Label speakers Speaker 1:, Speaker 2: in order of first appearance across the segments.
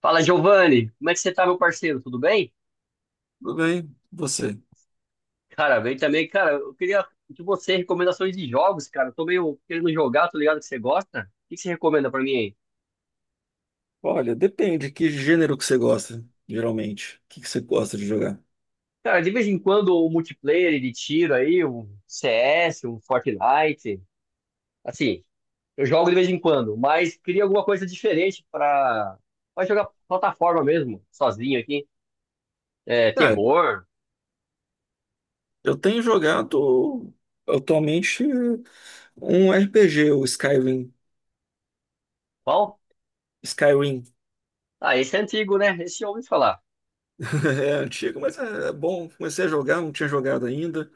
Speaker 1: Fala, Giovanni. Como é que você tá, meu parceiro? Tudo bem?
Speaker 2: Tudo bem? Você?
Speaker 1: Cara, bem também. Cara, eu queria de você recomendações de jogos, cara. Eu tô meio querendo jogar, tô ligado que você gosta. O que que você recomenda pra mim aí?
Speaker 2: Olha, depende que gênero que você gosta, geralmente. O que que você gosta de jogar?
Speaker 1: Cara, de vez em quando o multiplayer de tiro aí, um CS, um Fortnite. Assim, eu jogo de vez em quando, mas queria alguma coisa diferente pra jogar plataforma mesmo, sozinho aqui. É,
Speaker 2: Ah,
Speaker 1: terror.
Speaker 2: eu tenho jogado atualmente, um RPG, o Skyrim.
Speaker 1: Qual?
Speaker 2: Skyrim.
Speaker 1: Ah, esse é antigo, né? Esse eu ouvi falar.
Speaker 2: É antigo, mas é bom. Comecei a jogar, não tinha jogado ainda.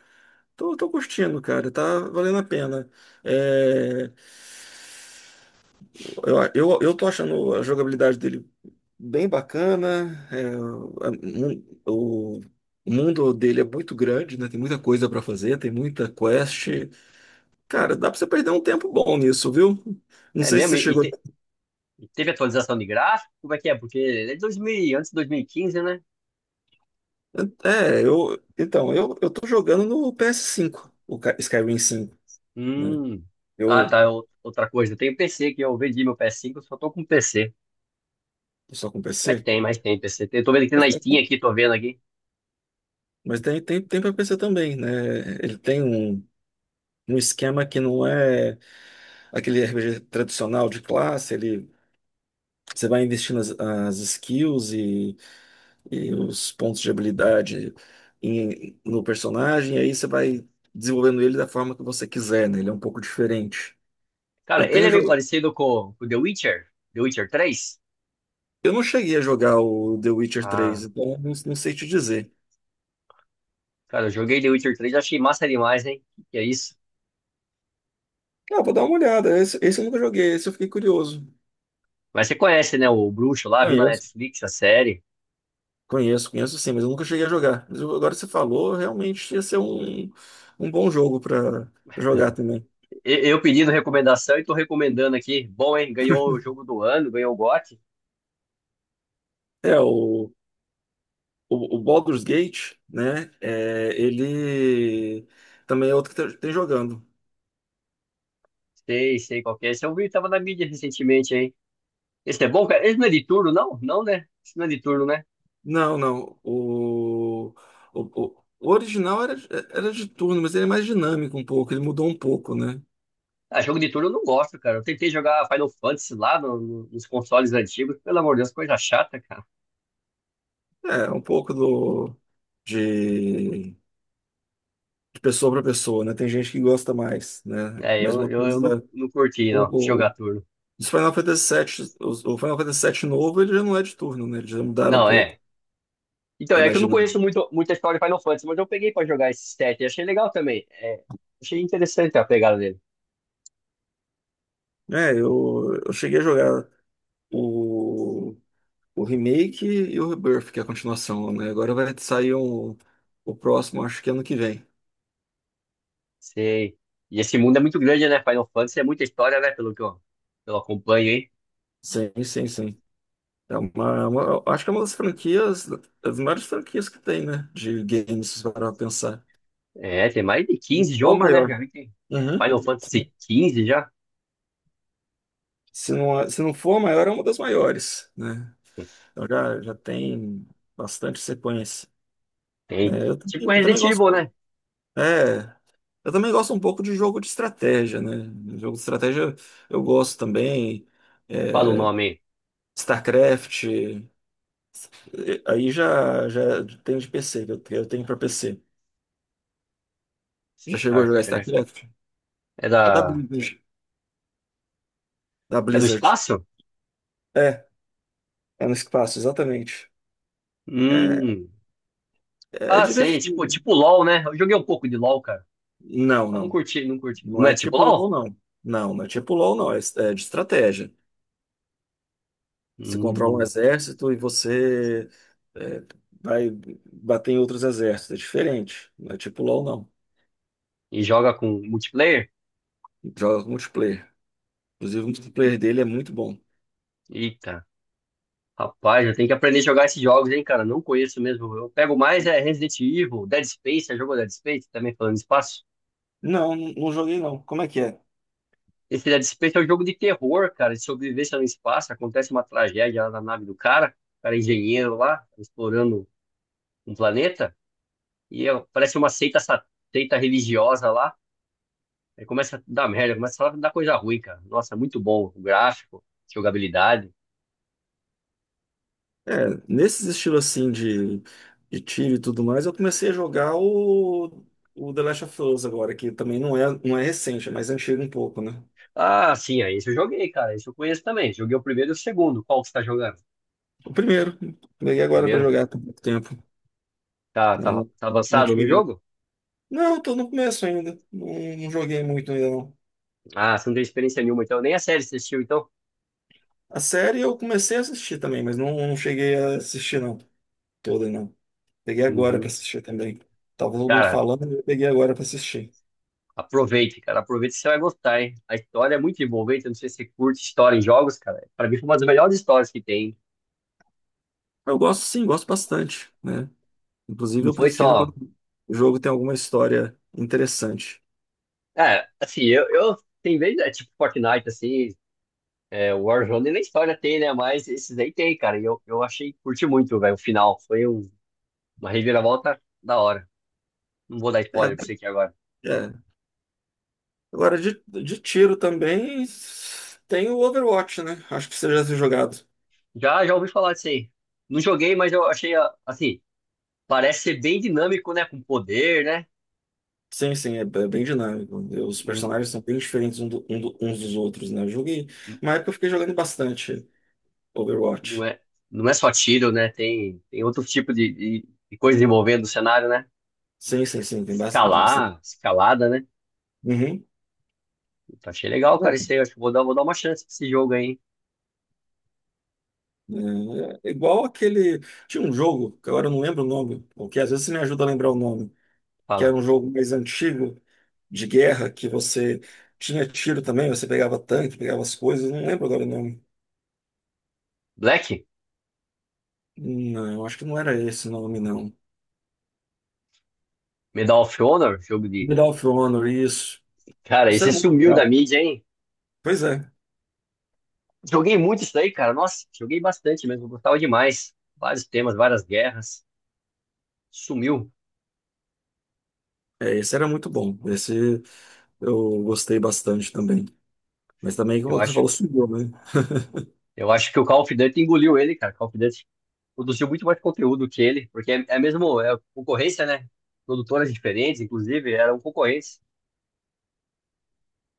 Speaker 2: Tô curtindo, cara. Tá valendo a pena. É, eu tô achando a jogabilidade dele bem bacana. A- o mundo dele é muito grande, né? Tem muita coisa para fazer, tem muita quest. Cara, dá para você perder um tempo bom nisso, viu? Não
Speaker 1: É
Speaker 2: sei se
Speaker 1: mesmo?
Speaker 2: você chegou.
Speaker 1: E teve atualização de gráfico? Como é que é? Porque é de 2000, antes de 2015, né?
Speaker 2: É, eu. Então, eu tô jogando no PS5, o Skyrim 5, né?
Speaker 1: Hum. Ah,
Speaker 2: Eu
Speaker 1: tá. Outra coisa, eu tenho PC que eu vendi meu PS5, eu só tô com PC.
Speaker 2: tô só com
Speaker 1: Mas
Speaker 2: PC.
Speaker 1: tem, mas tem PC. Eu tô vendo que tem
Speaker 2: Mas
Speaker 1: na
Speaker 2: tem,
Speaker 1: Steam aqui, tô vendo aqui.
Speaker 2: mas tem para PC também, né? Ele tem um esquema que não é aquele RPG tradicional de classe, ele. Você vai investir nas as skills e os pontos de habilidade no personagem, e aí você vai desenvolvendo ele da forma que você quiser, né? Ele é um pouco diferente.
Speaker 1: Cara,
Speaker 2: Eu
Speaker 1: ele
Speaker 2: tenho,
Speaker 1: é meio
Speaker 2: jo-
Speaker 1: parecido com o The Witcher, The Witcher três.
Speaker 2: eu não cheguei a jogar o The Witcher
Speaker 1: Ah,
Speaker 2: 3, então eu não sei te dizer.
Speaker 1: cara, eu joguei The Witcher três, achei massa demais, hein? Que é isso?
Speaker 2: Ah, vou dar uma olhada. Esse eu nunca joguei, esse eu fiquei curioso.
Speaker 1: Mas você conhece, né, o Bruxo lá, viu na
Speaker 2: Conheço.
Speaker 1: Netflix a série.
Speaker 2: Conheço, conheço sim, mas eu nunca cheguei a jogar. Agora que você falou, realmente ia ser um bom jogo para jogar também.
Speaker 1: Eu pedindo recomendação e tô recomendando aqui. Bom, hein? Ganhou o jogo do ano, ganhou o GOT.
Speaker 2: É, o, o Baldur's Gate, né? Ele também é outro que tem jogando.
Speaker 1: Sei, sei qual que é. Esse eu vi, tava na mídia recentemente aí. Esse é bom, cara? Esse não é de turno, não? Não, né? Esse não é de turno, né?
Speaker 2: Não, não. O original era de turno, mas ele é mais dinâmico um pouco. Ele mudou um pouco, né?
Speaker 1: Ah, jogo de turno eu não gosto, cara. Eu tentei jogar Final Fantasy lá nos consoles antigos. Pelo amor de Deus, coisa chata, cara.
Speaker 2: É, um pouco de, de pessoa para pessoa, né? Tem gente que gosta mais, né?
Speaker 1: É,
Speaker 2: Mas
Speaker 1: eu,
Speaker 2: uma
Speaker 1: eu, eu não,
Speaker 2: coisa.
Speaker 1: não curti, não,
Speaker 2: O,
Speaker 1: jogar
Speaker 2: o,
Speaker 1: turno.
Speaker 2: os Final Fantasy VII, o Final Fantasy VII novo, ele já não é de turno, né? Eles já mudaram um
Speaker 1: Não,
Speaker 2: pouco.
Speaker 1: é. Então,
Speaker 2: É
Speaker 1: é que
Speaker 2: mais
Speaker 1: eu não conheço
Speaker 2: dinâmico.
Speaker 1: muito, muita história de Final Fantasy, mas eu peguei pra jogar esse set e achei legal também. É, achei interessante a pegada dele.
Speaker 2: É, eu cheguei a jogar. O O remake e o Rebirth, que é a continuação, né? Agora vai sair um, o próximo, acho que ano que vem.
Speaker 1: Sei. E esse mundo é muito grande, né? Final Fantasy é muita história, né? Pelo que eu acompanho aí.
Speaker 2: Sim, sim, sim. Acho que é uma das franquias, das maiores franquias que tem, né? De games, se parar pra pensar.
Speaker 1: É, tem mais de 15
Speaker 2: Ou a
Speaker 1: jogos, né?
Speaker 2: maior.
Speaker 1: Já vi que
Speaker 2: Uhum.
Speaker 1: Final Fantasy 15 já.
Speaker 2: Se não for a maior, é uma das maiores, né? Então já tem bastante sequência,
Speaker 1: Tem.
Speaker 2: né? Eu, também
Speaker 1: Tipo
Speaker 2: eu também
Speaker 1: Resident Evil,
Speaker 2: gosto.
Speaker 1: né?
Speaker 2: É, eu também gosto um pouco de jogo de estratégia, né? Jogo de estratégia eu gosto também.
Speaker 1: Fala o
Speaker 2: é,
Speaker 1: nome aí.
Speaker 2: StarCraft, aí já tem de PC, que eu tenho pra PC. Já chegou a jogar
Speaker 1: StarCraft.
Speaker 2: StarCraft?
Speaker 1: É
Speaker 2: É da
Speaker 1: da.
Speaker 2: Blizzard. Da
Speaker 1: É do
Speaker 2: Blizzard.
Speaker 1: espaço?
Speaker 2: É, é no espaço, exatamente. É,
Speaker 1: Hum.
Speaker 2: é
Speaker 1: Ah, sei. Tipo,
Speaker 2: divertido.
Speaker 1: tipo LOL, né? Eu joguei um pouco de LOL, cara.
Speaker 2: Não,
Speaker 1: Mas não
Speaker 2: não.
Speaker 1: curti, não curti.
Speaker 2: Não
Speaker 1: Não é
Speaker 2: é
Speaker 1: tipo
Speaker 2: tipo
Speaker 1: LOL?
Speaker 2: LoL, não. Não, não é tipo LoL, não. É de estratégia. Você controla um
Speaker 1: Hum.
Speaker 2: exército e você é, vai bater em outros exércitos. É diferente. Não é tipo LoL, não.
Speaker 1: E joga com multiplayer?
Speaker 2: Joga multiplayer. Inclusive, o multiplayer dele é muito bom.
Speaker 1: Eita. Rapaz, eu tenho que aprender a jogar esses jogos, hein, cara? Não conheço mesmo. Eu pego mais é Resident Evil, Dead Space. Já jogou Dead Space? Também falando de espaço?
Speaker 2: Não, não joguei não. Como é que é?
Speaker 1: Esse Dead Space é um jogo de terror, cara, de sobrevivência no espaço. Acontece uma tragédia lá na nave do cara, o cara é engenheiro lá, explorando um planeta, e parece uma seita, seita religiosa lá. Aí começa a dar merda, começa a dar coisa ruim, cara. Nossa, é muito bom o gráfico, jogabilidade.
Speaker 2: É, nesses estilos assim de tiro e tudo mais, eu comecei a jogar o The Last of Us agora, que também não é recente, é mais antigo um pouco, né?
Speaker 1: Ah, sim, aí esse eu joguei, cara. Esse eu conheço também. Joguei o primeiro e o segundo. Qual que você tá jogando?
Speaker 2: O primeiro, peguei agora pra
Speaker 1: Primeiro?
Speaker 2: jogar por pouco tempo.
Speaker 1: Tá,
Speaker 2: Né?
Speaker 1: tá,
Speaker 2: Não,
Speaker 1: tá
Speaker 2: não
Speaker 1: avançado no
Speaker 2: tinha.
Speaker 1: jogo?
Speaker 2: Não, tô no começo ainda. Não, não joguei muito ainda, não.
Speaker 1: Ah, você não tem experiência nenhuma, então. Nem a série você assistiu, então?
Speaker 2: A série eu comecei a assistir também, mas não cheguei a assistir, não. Toda, não. Peguei agora pra
Speaker 1: Uhum.
Speaker 2: assistir também. Tava todo mundo
Speaker 1: Cara,
Speaker 2: falando, eu peguei agora pra assistir.
Speaker 1: aproveite, cara. Aproveite, você vai gostar, hein? A história é muito envolvente. Eu não sei se você curte história em jogos, cara. Pra mim foi uma das melhores histórias que tem.
Speaker 2: Eu gosto sim, gosto bastante, né? Inclusive
Speaker 1: Não
Speaker 2: eu
Speaker 1: foi
Speaker 2: prefiro quando
Speaker 1: só.
Speaker 2: o jogo tem alguma história interessante.
Speaker 1: É, assim, eu tem vezes, é tipo Fortnite, assim, é, Warzone nem história tem, né? Mas esses aí tem, cara. E eu achei, curti muito, velho, o final. Uma reviravolta da hora. Não vou dar spoiler pra
Speaker 2: É,
Speaker 1: você aqui agora.
Speaker 2: é. Agora de tiro também tem o Overwatch, né? Acho que você já tem jogado.
Speaker 1: Já ouvi falar disso aí. Não joguei, mas eu achei, ah, assim, parece ser bem dinâmico, né? Com poder, né?
Speaker 2: Sim, sim, é bem dinâmico. Os
Speaker 1: Não-
Speaker 2: personagens são bem diferentes uns dos outros, né? Eu joguei. Uma época eu fiquei jogando bastante
Speaker 1: Não
Speaker 2: Overwatch.
Speaker 1: é, não é só tiro, né? Tem outro tipo de coisa envolvendo o cenário, né?
Speaker 2: Sim, sim, sim, tem bastante, bastante.
Speaker 1: Escalar, escalada, né?
Speaker 2: Uhum.
Speaker 1: Então, achei legal,
Speaker 2: É,
Speaker 1: cara. Isso aí, acho que vou dar uma chance pra esse jogo aí, hein?
Speaker 2: é igual aquele. Tinha um jogo, que agora eu não lembro o nome, porque às vezes você me ajuda a lembrar o nome. Que era
Speaker 1: Fala.
Speaker 2: um jogo mais antigo de guerra, que você tinha tiro também, você pegava tanque, pegava as coisas, não lembro agora o nome.
Speaker 1: Black?
Speaker 2: Não, acho que não era esse o nome, não.
Speaker 1: Medal of Honor? Jogo de.
Speaker 2: Medal of Honor, isso.
Speaker 1: Cara,
Speaker 2: Isso
Speaker 1: esse
Speaker 2: era muito
Speaker 1: sumiu da
Speaker 2: legal.
Speaker 1: mídia, hein?
Speaker 2: Pois é,
Speaker 1: Joguei muito isso aí, cara. Nossa, joguei bastante mesmo. Gostava demais. Vários temas, várias guerras. Sumiu.
Speaker 2: esse era muito bom. Esse eu gostei bastante também. Mas também,
Speaker 1: Eu
Speaker 2: como você
Speaker 1: acho,
Speaker 2: falou, subiu, né?
Speaker 1: eu acho que o Call of Duty engoliu ele, cara. Call of Duty produziu muito mais conteúdo que ele, porque é mesmo é concorrência, né? Produtoras diferentes, inclusive, eram concorrentes.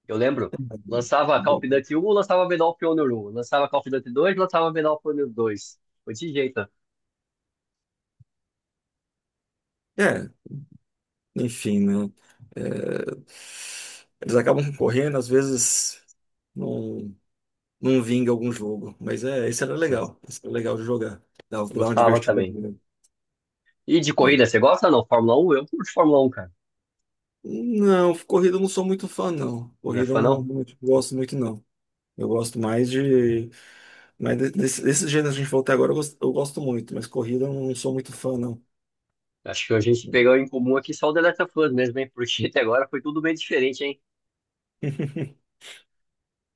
Speaker 1: Eu lembro, lançava Call of Duty 1, lançava Medal of Honor 1, lançava Call of Duty 2, lançava Medal of Honor 2. Foi de jeito,
Speaker 2: É, enfim, né? É, eles acabam concorrendo, às vezes não. Não vinga algum jogo. Mas é, esse era
Speaker 1: né?
Speaker 2: legal. Esse era legal de jogar. Dava pra dar uma
Speaker 1: Gostava
Speaker 2: divertida
Speaker 1: também.
Speaker 2: boa,
Speaker 1: E de
Speaker 2: né?
Speaker 1: corrida, você gosta não? Fórmula 1? Eu curto Fórmula 1, cara.
Speaker 2: Não, corrida eu não sou muito fã, não.
Speaker 1: Não é
Speaker 2: Corrida eu
Speaker 1: fã, não?
Speaker 2: não gosto muito, não. Eu gosto mais de. Mas desses gêneros que a gente falou até agora, eu gosto muito, mas corrida eu não sou muito fã, não.
Speaker 1: Acho que a gente pegou em comum aqui só o The Last of Us mesmo, hein? Porque até agora foi tudo bem diferente, hein?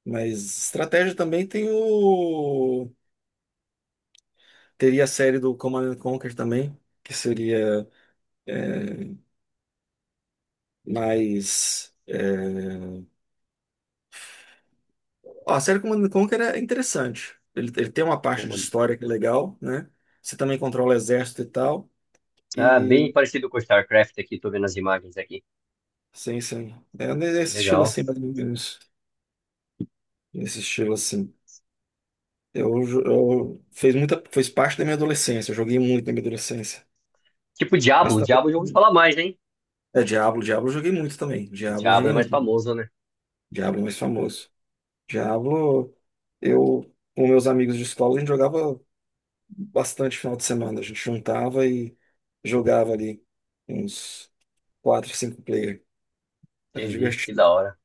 Speaker 2: Mas estratégia também tem o. Teria a série do Command and Conquer também, que seria é, mais. Ó, a série Command and Conquer é interessante. Ele tem uma
Speaker 1: Pô,
Speaker 2: parte de
Speaker 1: mano.
Speaker 2: história que é legal, né? Você também controla o exército e tal.
Speaker 1: Ah, bem
Speaker 2: E
Speaker 1: parecido com StarCraft aqui, tô vendo as imagens aqui.
Speaker 2: sim, sim. É nesse estilo
Speaker 1: Legal.
Speaker 2: assim, mais ou menos. Nesse estilo assim. Eu, jo- eu fez muita, fez parte da minha adolescência. Eu joguei muito na minha adolescência.
Speaker 1: Tipo
Speaker 2: Mas
Speaker 1: Diablo,
Speaker 2: também.
Speaker 1: Diablo eu já ouvi falar mais, hein?
Speaker 2: É Diablo, Diablo eu joguei muito também.
Speaker 1: O
Speaker 2: Diablo eu
Speaker 1: Diablo é
Speaker 2: joguei
Speaker 1: mais
Speaker 2: muito.
Speaker 1: famoso, né?
Speaker 2: Diablo é mais famoso. Diablo, eu com meus amigos de escola, a gente jogava bastante final de semana. A gente juntava e jogava ali uns quatro, cinco player. Era
Speaker 1: Entendi, que
Speaker 2: divertido.
Speaker 1: da hora.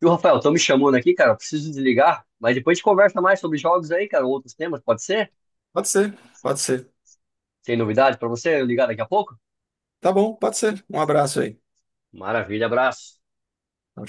Speaker 1: E o Rafael, estão me chamando aqui, cara. Preciso desligar, mas depois a gente conversa mais sobre jogos aí, cara, outros temas, pode ser?
Speaker 2: Pode ser, pode ser.
Speaker 1: Tem novidade pra você. Eu ligar daqui a pouco?
Speaker 2: Tá bom, pode ser. Um abraço aí.
Speaker 1: Maravilha, abraço.